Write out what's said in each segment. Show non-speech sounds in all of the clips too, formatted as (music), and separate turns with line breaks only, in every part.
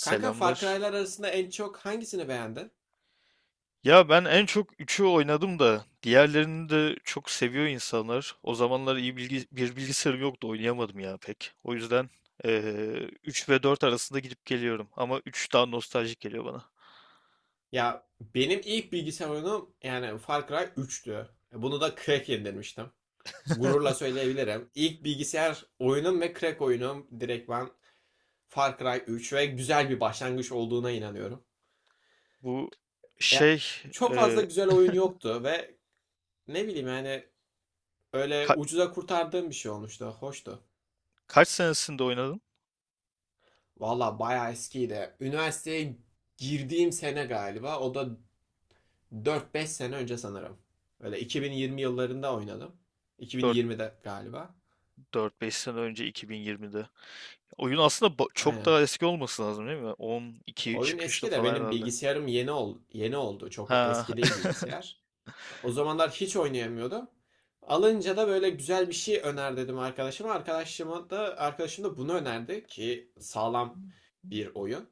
Kanka Far Cry'lar arasında en çok hangisini beğendin?
Ya ben en çok üçü oynadım da diğerlerini de çok seviyor insanlar. O zamanlar bir bilgisayarım yoktu oynayamadım ya pek. O yüzden 3 ve 4 arasında gidip geliyorum. Ama 3 daha nostaljik geliyor bana.
Ya benim ilk bilgisayar oyunum yani Far Cry üçtü. Bunu da crack indirmiştim. Gururla
(laughs)
söyleyebilirim. İlk bilgisayar oyunum ve crack oyunum direkt ben Far Cry 3 ve güzel bir başlangıç olduğuna inanıyorum.
Bu
Ya,
şey
çok fazla
eee,
güzel oyun yoktu ve ne bileyim yani öyle
ka-
ucuza kurtardığım bir şey olmuştu. Hoştu.
kaç senesinde oynadın?
Valla bayağı eskiydi. Üniversiteye girdiğim sene galiba. O da dört beş sene önce sanırım. Öyle 2020 yıllarında oynadım.
Dört,
2020'de galiba.
dört beş sene önce 2020'de. Oyun aslında çok
Aynen.
daha eski olması lazım değil mi? 12
Oyun
çıkışlı
eski de
falan
benim
herhalde.
bilgisayarım yeni oldu. Çok
Ha,
eski değil
(laughs)
bilgisayar. O zamanlar hiç oynayamıyordum. Alınca da böyle güzel bir şey öner dedim arkadaşıma. Arkadaşıma da arkadaşım da bunu önerdi ki sağlam bir oyun.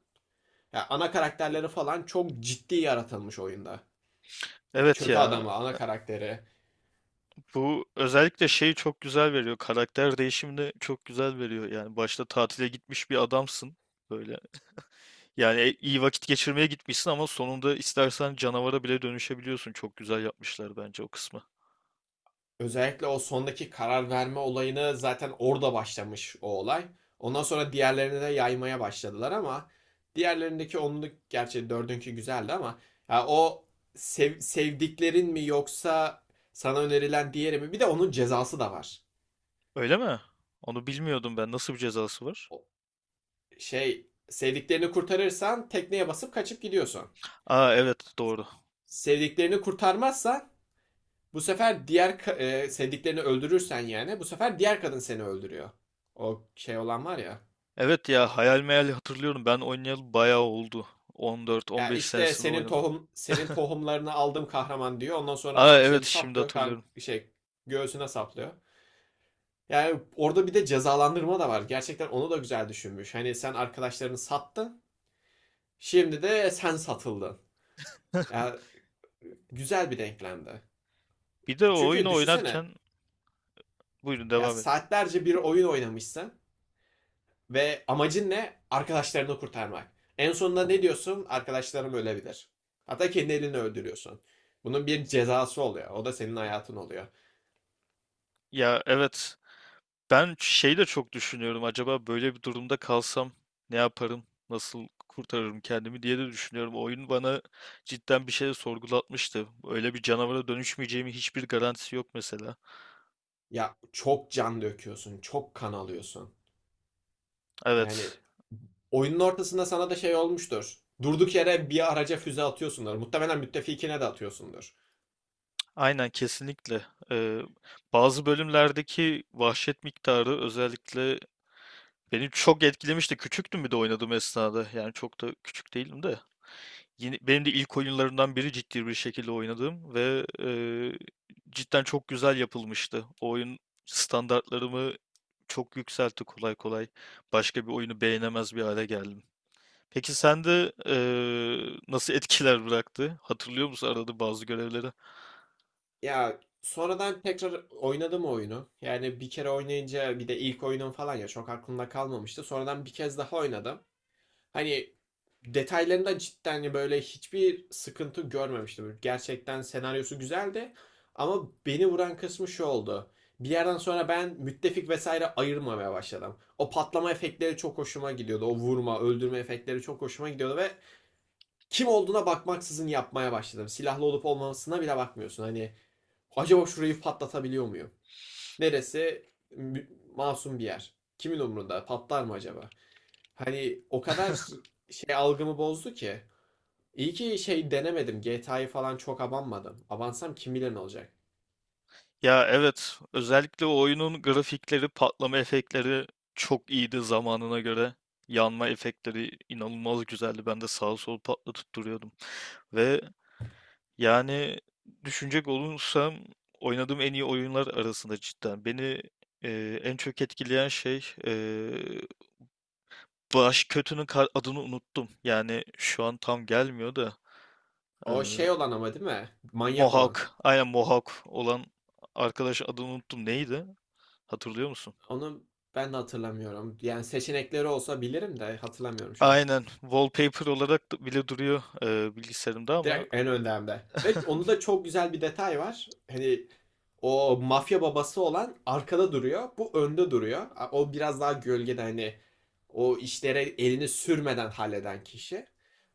Ya ana karakterleri falan çok ciddi yaratılmış oyunda.
evet
Kötü
ya.
adamı, ana karakteri.
Bu özellikle şeyi çok güzel veriyor. Karakter değişimini çok güzel veriyor. Yani başta tatile gitmiş bir adamsın. Böyle. Yani iyi vakit geçirmeye gitmişsin ama sonunda istersen canavara bile dönüşebiliyorsun. Çok güzel yapmışlar bence o kısmı.
Özellikle o sondaki karar verme olayını zaten orada başlamış o olay. Ondan sonra diğerlerini de yaymaya başladılar ama diğerlerindeki onluk gerçi dördünkü güzeldi ama ya o sevdiklerin mi yoksa sana önerilen diğeri mi? Bir de onun cezası da var.
Öyle mi? Onu bilmiyordum ben. Nasıl bir cezası var?
O şey, sevdiklerini kurtarırsan tekneye basıp kaçıp gidiyorsun.
Aa, evet, doğru.
Sevdiklerini kurtarmazsan bu sefer diğer sevdiklerini öldürürsen yani bu sefer diğer kadın seni öldürüyor. O şey olan var ya.
Evet ya, hayal meyal hatırlıyorum. Ben oynayalı bayağı oldu.
Ya
14-15
işte
senesinde oynadım.
senin
(laughs)
tohumlarını aldım kahraman diyor. Ondan sonra
Aa, evet,
hançeri
şimdi
saplıyor, kar
hatırlıyorum.
şey göğsüne saplıyor. Yani orada bir de cezalandırma da var. Gerçekten onu da güzel düşünmüş. Hani sen arkadaşlarını sattın, şimdi de sen satıldın.
(laughs)
Ya güzel bir denklemdi.
Bir de o
Çünkü
oyunu
düşünsene
oynarken buyurun
ya
devam edin.
saatlerce bir oyun oynamışsın. Ve amacın ne? Arkadaşlarını kurtarmak. En sonunda ne diyorsun? Arkadaşlarım ölebilir. Hatta kendi elini öldürüyorsun. Bunun bir cezası oluyor. O da senin hayatın oluyor.
Ya evet, ben şey de çok düşünüyorum. Acaba böyle bir durumda kalsam ne yaparım? Nasıl kurtarırım kendimi diye de düşünüyorum. Oyun bana cidden bir şey sorgulatmıştı. Öyle bir canavara dönüşmeyeceğimi hiçbir garantisi yok mesela.
Ya çok can döküyorsun, çok kan alıyorsun. Yani
Evet.
oyunun ortasında sana da şey olmuştur. Durduk yere bir araca füze atıyorsundur. Muhtemelen müttefikine de atıyorsundur.
Aynen, kesinlikle. Ee, bazı bölümlerdeki vahşet miktarı özellikle beni çok etkilemişti. Küçüktüm bir de oynadığım esnada. Yani çok da küçük değilim de. Yine, benim de ilk oyunlarımdan biri ciddi bir şekilde oynadığım ve cidden çok güzel yapılmıştı. O oyun standartlarımı çok yükseltti kolay kolay. Başka bir oyunu beğenemez bir hale geldim. Peki sende nasıl etkiler bıraktı? Hatırlıyor musun arada bazı görevleri?
Ya sonradan tekrar oynadım o oyunu. Yani bir kere oynayınca bir de ilk oyunum falan ya çok aklımda kalmamıştı. Sonradan bir kez daha oynadım. Hani detaylarında cidden hani böyle hiçbir sıkıntı görmemiştim. Gerçekten senaryosu güzeldi. Ama beni vuran kısmı şu oldu. Bir yerden sonra ben müttefik vesaire ayırmamaya başladım. O patlama efektleri çok hoşuma gidiyordu. O vurma, öldürme efektleri çok hoşuma gidiyordu ve kim olduğuna bakmaksızın yapmaya başladım. Silahlı olup olmamasına bile bakmıyorsun. Hani acaba şurayı patlatabiliyor muyum? Neresi masum bir yer. Kimin umrunda? Patlar mı acaba? Hani o kadar şey algımı bozdu ki. İyi ki şey denemedim. GTA'yı falan çok abanmadım. Abansam kim bilir ne olacak.
Ya evet, özellikle o oyunun grafikleri, patlama efektleri çok iyiydi zamanına göre. Yanma efektleri inanılmaz güzeldi. Ben de sağa sola patlatıp duruyordum. Ve yani, düşünecek olursam oynadığım en iyi oyunlar arasında cidden. Beni en çok etkileyen şey, baş kötünün adını unuttum. Yani şu an tam gelmiyor da e,
O şey olan ama değil mi? Manyak olan.
Mohawk, aynen Mohawk olan arkadaş adını unuttum. Neydi? Hatırlıyor musun?
Onu ben de hatırlamıyorum. Yani seçenekleri olsa bilirim de hatırlamıyorum şu an.
Aynen wallpaper olarak bile duruyor bilgisayarımda ama
Direkt en önde hem de. Ve onu da çok güzel bir detay var. Hani o mafya babası olan arkada duruyor. Bu önde duruyor. O biraz daha gölgede hani o işlere elini sürmeden halleden kişi.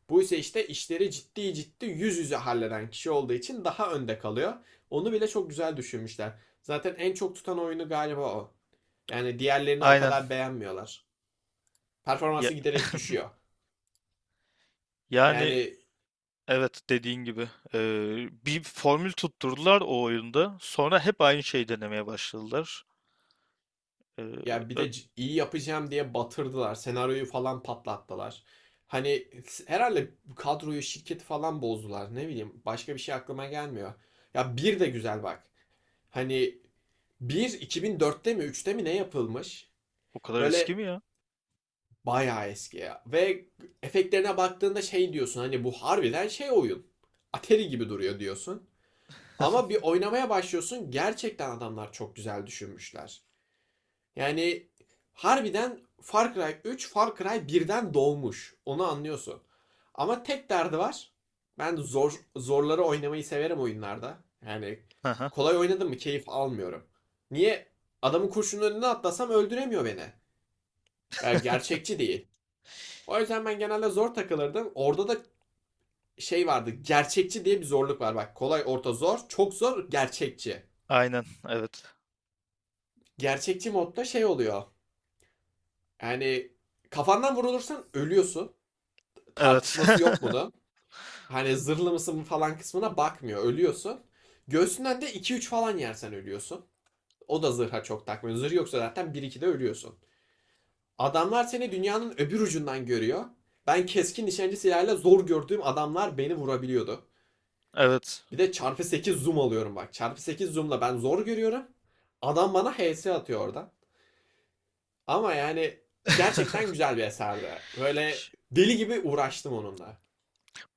Bu ise işte işleri ciddi ciddi yüz yüze halleden kişi olduğu için daha önde kalıyor. Onu bile çok güzel düşünmüşler. Zaten en çok tutan oyunu galiba o. Yani diğerlerini o
aynen.
kadar beğenmiyorlar.
Ya.
Performansı giderek düşüyor.
(laughs) Yani,
Yani
evet, dediğin gibi. Bir formül tutturdular o oyunda. Sonra hep aynı şeyi denemeye başladılar. Eee,
ya bir
ö-
de iyi yapacağım diye batırdılar. Senaryoyu falan patlattılar. Hani herhalde kadroyu, şirketi falan bozdular. Ne bileyim başka bir şey aklıma gelmiyor. Ya bir de güzel bak. Hani bir 2004'te mi üçte mi ne yapılmış?
o kadar eski
Böyle
mi ya?
bayağı eski ya. Ve efektlerine baktığında şey diyorsun hani bu harbiden şey oyun. Atari gibi duruyor diyorsun. Ama bir oynamaya başlıyorsun, gerçekten adamlar çok güzel düşünmüşler. Yani harbiden Far Cry 3 Far Cry birden doğmuş. Onu anlıyorsun. Ama tek derdi var. Ben zorları oynamayı severim oyunlarda. Yani
Aha,
kolay oynadım mı keyif almıyorum. Niye? Adamın kurşunun önüne atlasam öldüremiyor beni. Ya gerçekçi değil. O yüzden ben genelde zor takılırdım. Orada da şey vardı. Gerçekçi diye bir zorluk var. Bak kolay, orta, zor, çok zor, gerçekçi.
aynen, evet.
Gerçekçi modda şey oluyor. Yani kafandan vurulursan ölüyorsun.
Evet.
Tartışması yok
(laughs)
bunun. Hani zırhlı mısın falan kısmına bakmıyor. Ölüyorsun. Göğsünden de iki üç falan yersen ölüyorsun. O da zırha çok takmıyor. Zırh yoksa zaten 1-2'de ölüyorsun. Adamlar seni dünyanın öbür ucundan görüyor. Ben keskin nişancı silahıyla zor gördüğüm adamlar beni vurabiliyordu.
Evet.
Bir de çarpı 8 zoom alıyorum bak. Çarpı 8 zoomla ben zor görüyorum. Adam bana HS atıyor orada. Ama yani gerçekten
(laughs)
güzel bir eserdi. Böyle deli gibi uğraştım onunla.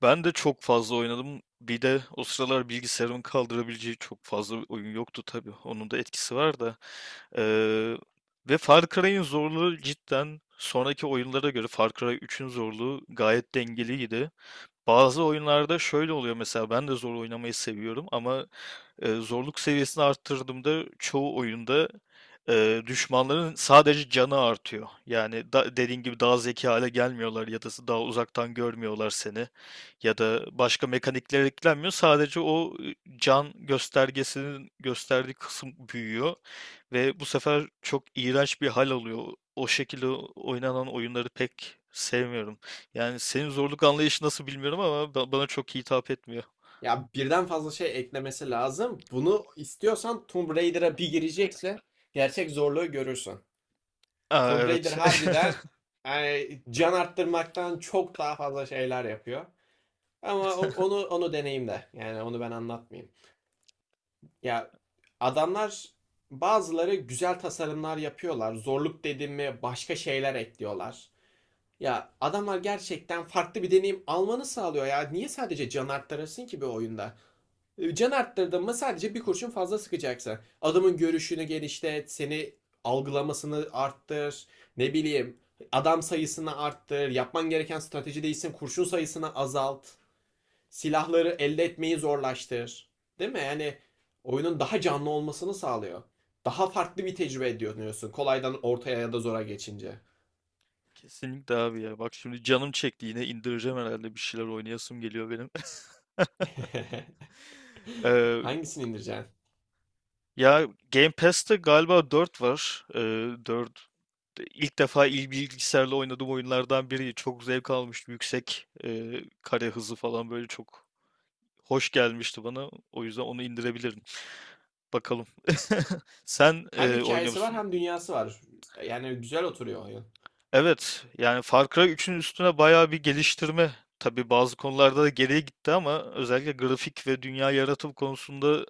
Ben de çok fazla oynadım. Bir de o sıralar bilgisayarımın kaldırabileceği çok fazla oyun yoktu tabii. Onun da etkisi var da. Eee, ve Far Cry'in zorluğu cidden sonraki oyunlara göre Far Cry 3'ün zorluğu gayet dengeliydi. Bazı oyunlarda şöyle oluyor mesela ben de zor oynamayı seviyorum ama zorluk seviyesini arttırdığımda çoğu oyunda düşmanların sadece canı artıyor. Yani da, dediğin gibi daha zeki hale gelmiyorlar ya da daha uzaktan görmüyorlar seni ya da başka mekanikler eklenmiyor. Sadece o can göstergesinin gösterdiği kısım büyüyor ve bu sefer çok iğrenç bir hal alıyor. O şekilde oynanan oyunları pek sevmiyorum. Yani senin zorluk anlayışı nasıl bilmiyorum ama bana çok hitap etmiyor.
Ya birden fazla şey eklemesi lazım. Bunu istiyorsan Tomb Raider'a bir girecekse gerçek zorluğu görürsün.
Aa,
Tomb Raider
evet.
harbiden yani can arttırmaktan çok daha fazla şeyler yapıyor. Ama
(laughs)
onu deneyimle. Yani onu ben anlatmayayım. Ya adamlar bazıları güzel tasarımlar yapıyorlar. Zorluk dediğimi başka şeyler ekliyorlar. Ya adamlar gerçekten farklı bir deneyim almanı sağlıyor ya. Niye sadece can arttırsın ki bir oyunda? Can arttırdın mı sadece bir kurşun fazla sıkacaksın. Adamın görüşünü genişlet, seni algılamasını arttır, ne bileyim adam sayısını arttır, yapman gereken strateji değilsin, kurşun sayısını azalt, silahları elde etmeyi zorlaştır. Değil mi? Yani oyunun daha canlı olmasını sağlıyor. Daha farklı bir tecrübe ediyorsun kolaydan ortaya ya da zora geçince.
Kesinlikle abi ya. Bak şimdi canım çekti yine indireceğim herhalde bir şeyler oynayasım geliyor benim. (laughs)
(laughs) (laughs)
Eee,
Hangisini indireceksin?
ya, Game Pass'te galiba 4 var. 4 ilk defa bilgisayarla oynadığım oyunlardan biri. Çok zevk almıştım. Yüksek kare hızı falan böyle çok hoş gelmişti bana. O yüzden onu indirebilirim. Bakalım. (laughs) Sen
Hem
oynuyor
hikayesi var
musun?
hem dünyası var. Yani güzel oturuyor oyun.
Evet, yani Far Cry üçün üstüne bayağı bir geliştirme. Tabii bazı konularda da geriye gitti ama özellikle grafik ve dünya yaratım konusunda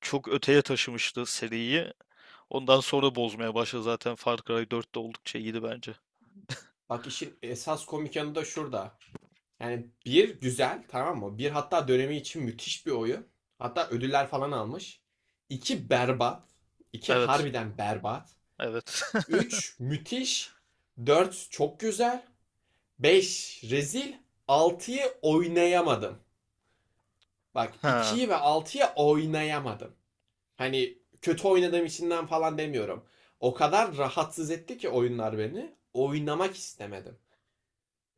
çok öteye taşımıştı seriyi. Ondan sonra bozmaya başladı zaten Far Cry dört de oldukça iyiydi bence.
Bak işin esas komik yanı da şurada. Yani bir güzel, tamam mı? Bir, hatta dönemi için müthiş bir oyun. Hatta ödüller falan almış. İki berbat. İki
Evet,
harbiden berbat.
evet. (laughs)
Üç müthiş. Dört çok güzel. Beş rezil. Altıyı oynayamadım. Bak
Ha,
ikiyi ve altıyı oynayamadım. Hani kötü oynadığım içinden falan demiyorum. O kadar rahatsız etti ki oyunlar beni. Oynamak istemedim.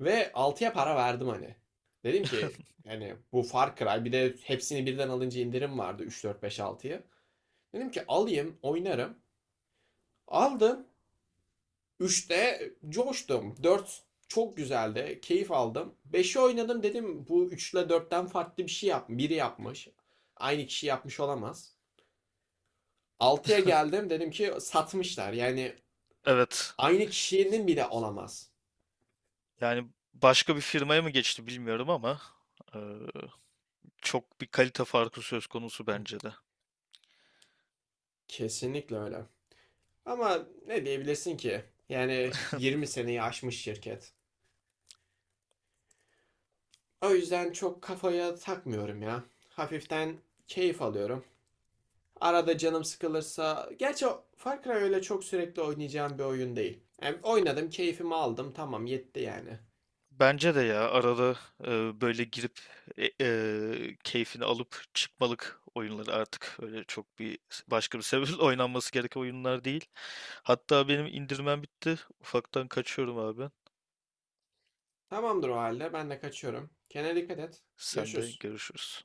Ve altıya para verdim hani. Dedim ki hani bu Far Cry bir de hepsini birden alınca indirim vardı 3 4 5 altıya. Dedim ki alayım oynarım. Aldım. Üçte coştum. Dört çok güzeldi. Keyif aldım. Beşi oynadım dedim bu 3 ile 4'ten farklı bir şey yap. Biri yapmış. Aynı kişi yapmış olamaz. Altıya geldim dedim ki satmışlar. Yani
evet.
aynı kişinin bile olamaz.
Yani başka bir firmaya mı geçti bilmiyorum ama eee, çok bir kalite farkı söz konusu bence de.
Kesinlikle öyle. Ama ne diyebilirsin ki? Yani 20 seneyi aşmış şirket. O yüzden çok kafaya takmıyorum ya. Hafiften keyif alıyorum. Arada canım sıkılırsa... Gerçi Far Cry öyle çok sürekli oynayacağım bir oyun değil. Yani oynadım, keyfimi aldım. Tamam, yetti yani.
Bence de ya arada böyle girip keyfini alıp çıkmalık oyunları artık öyle çok bir başka bir sebeple (laughs) oynanması gereken oyunlar değil. Hatta benim indirmem bitti. Ufaktan kaçıyorum abi.
Tamamdır o halde. Ben de kaçıyorum. Kendine dikkat et.
Sen de
Görüşürüz.
görüşürüz.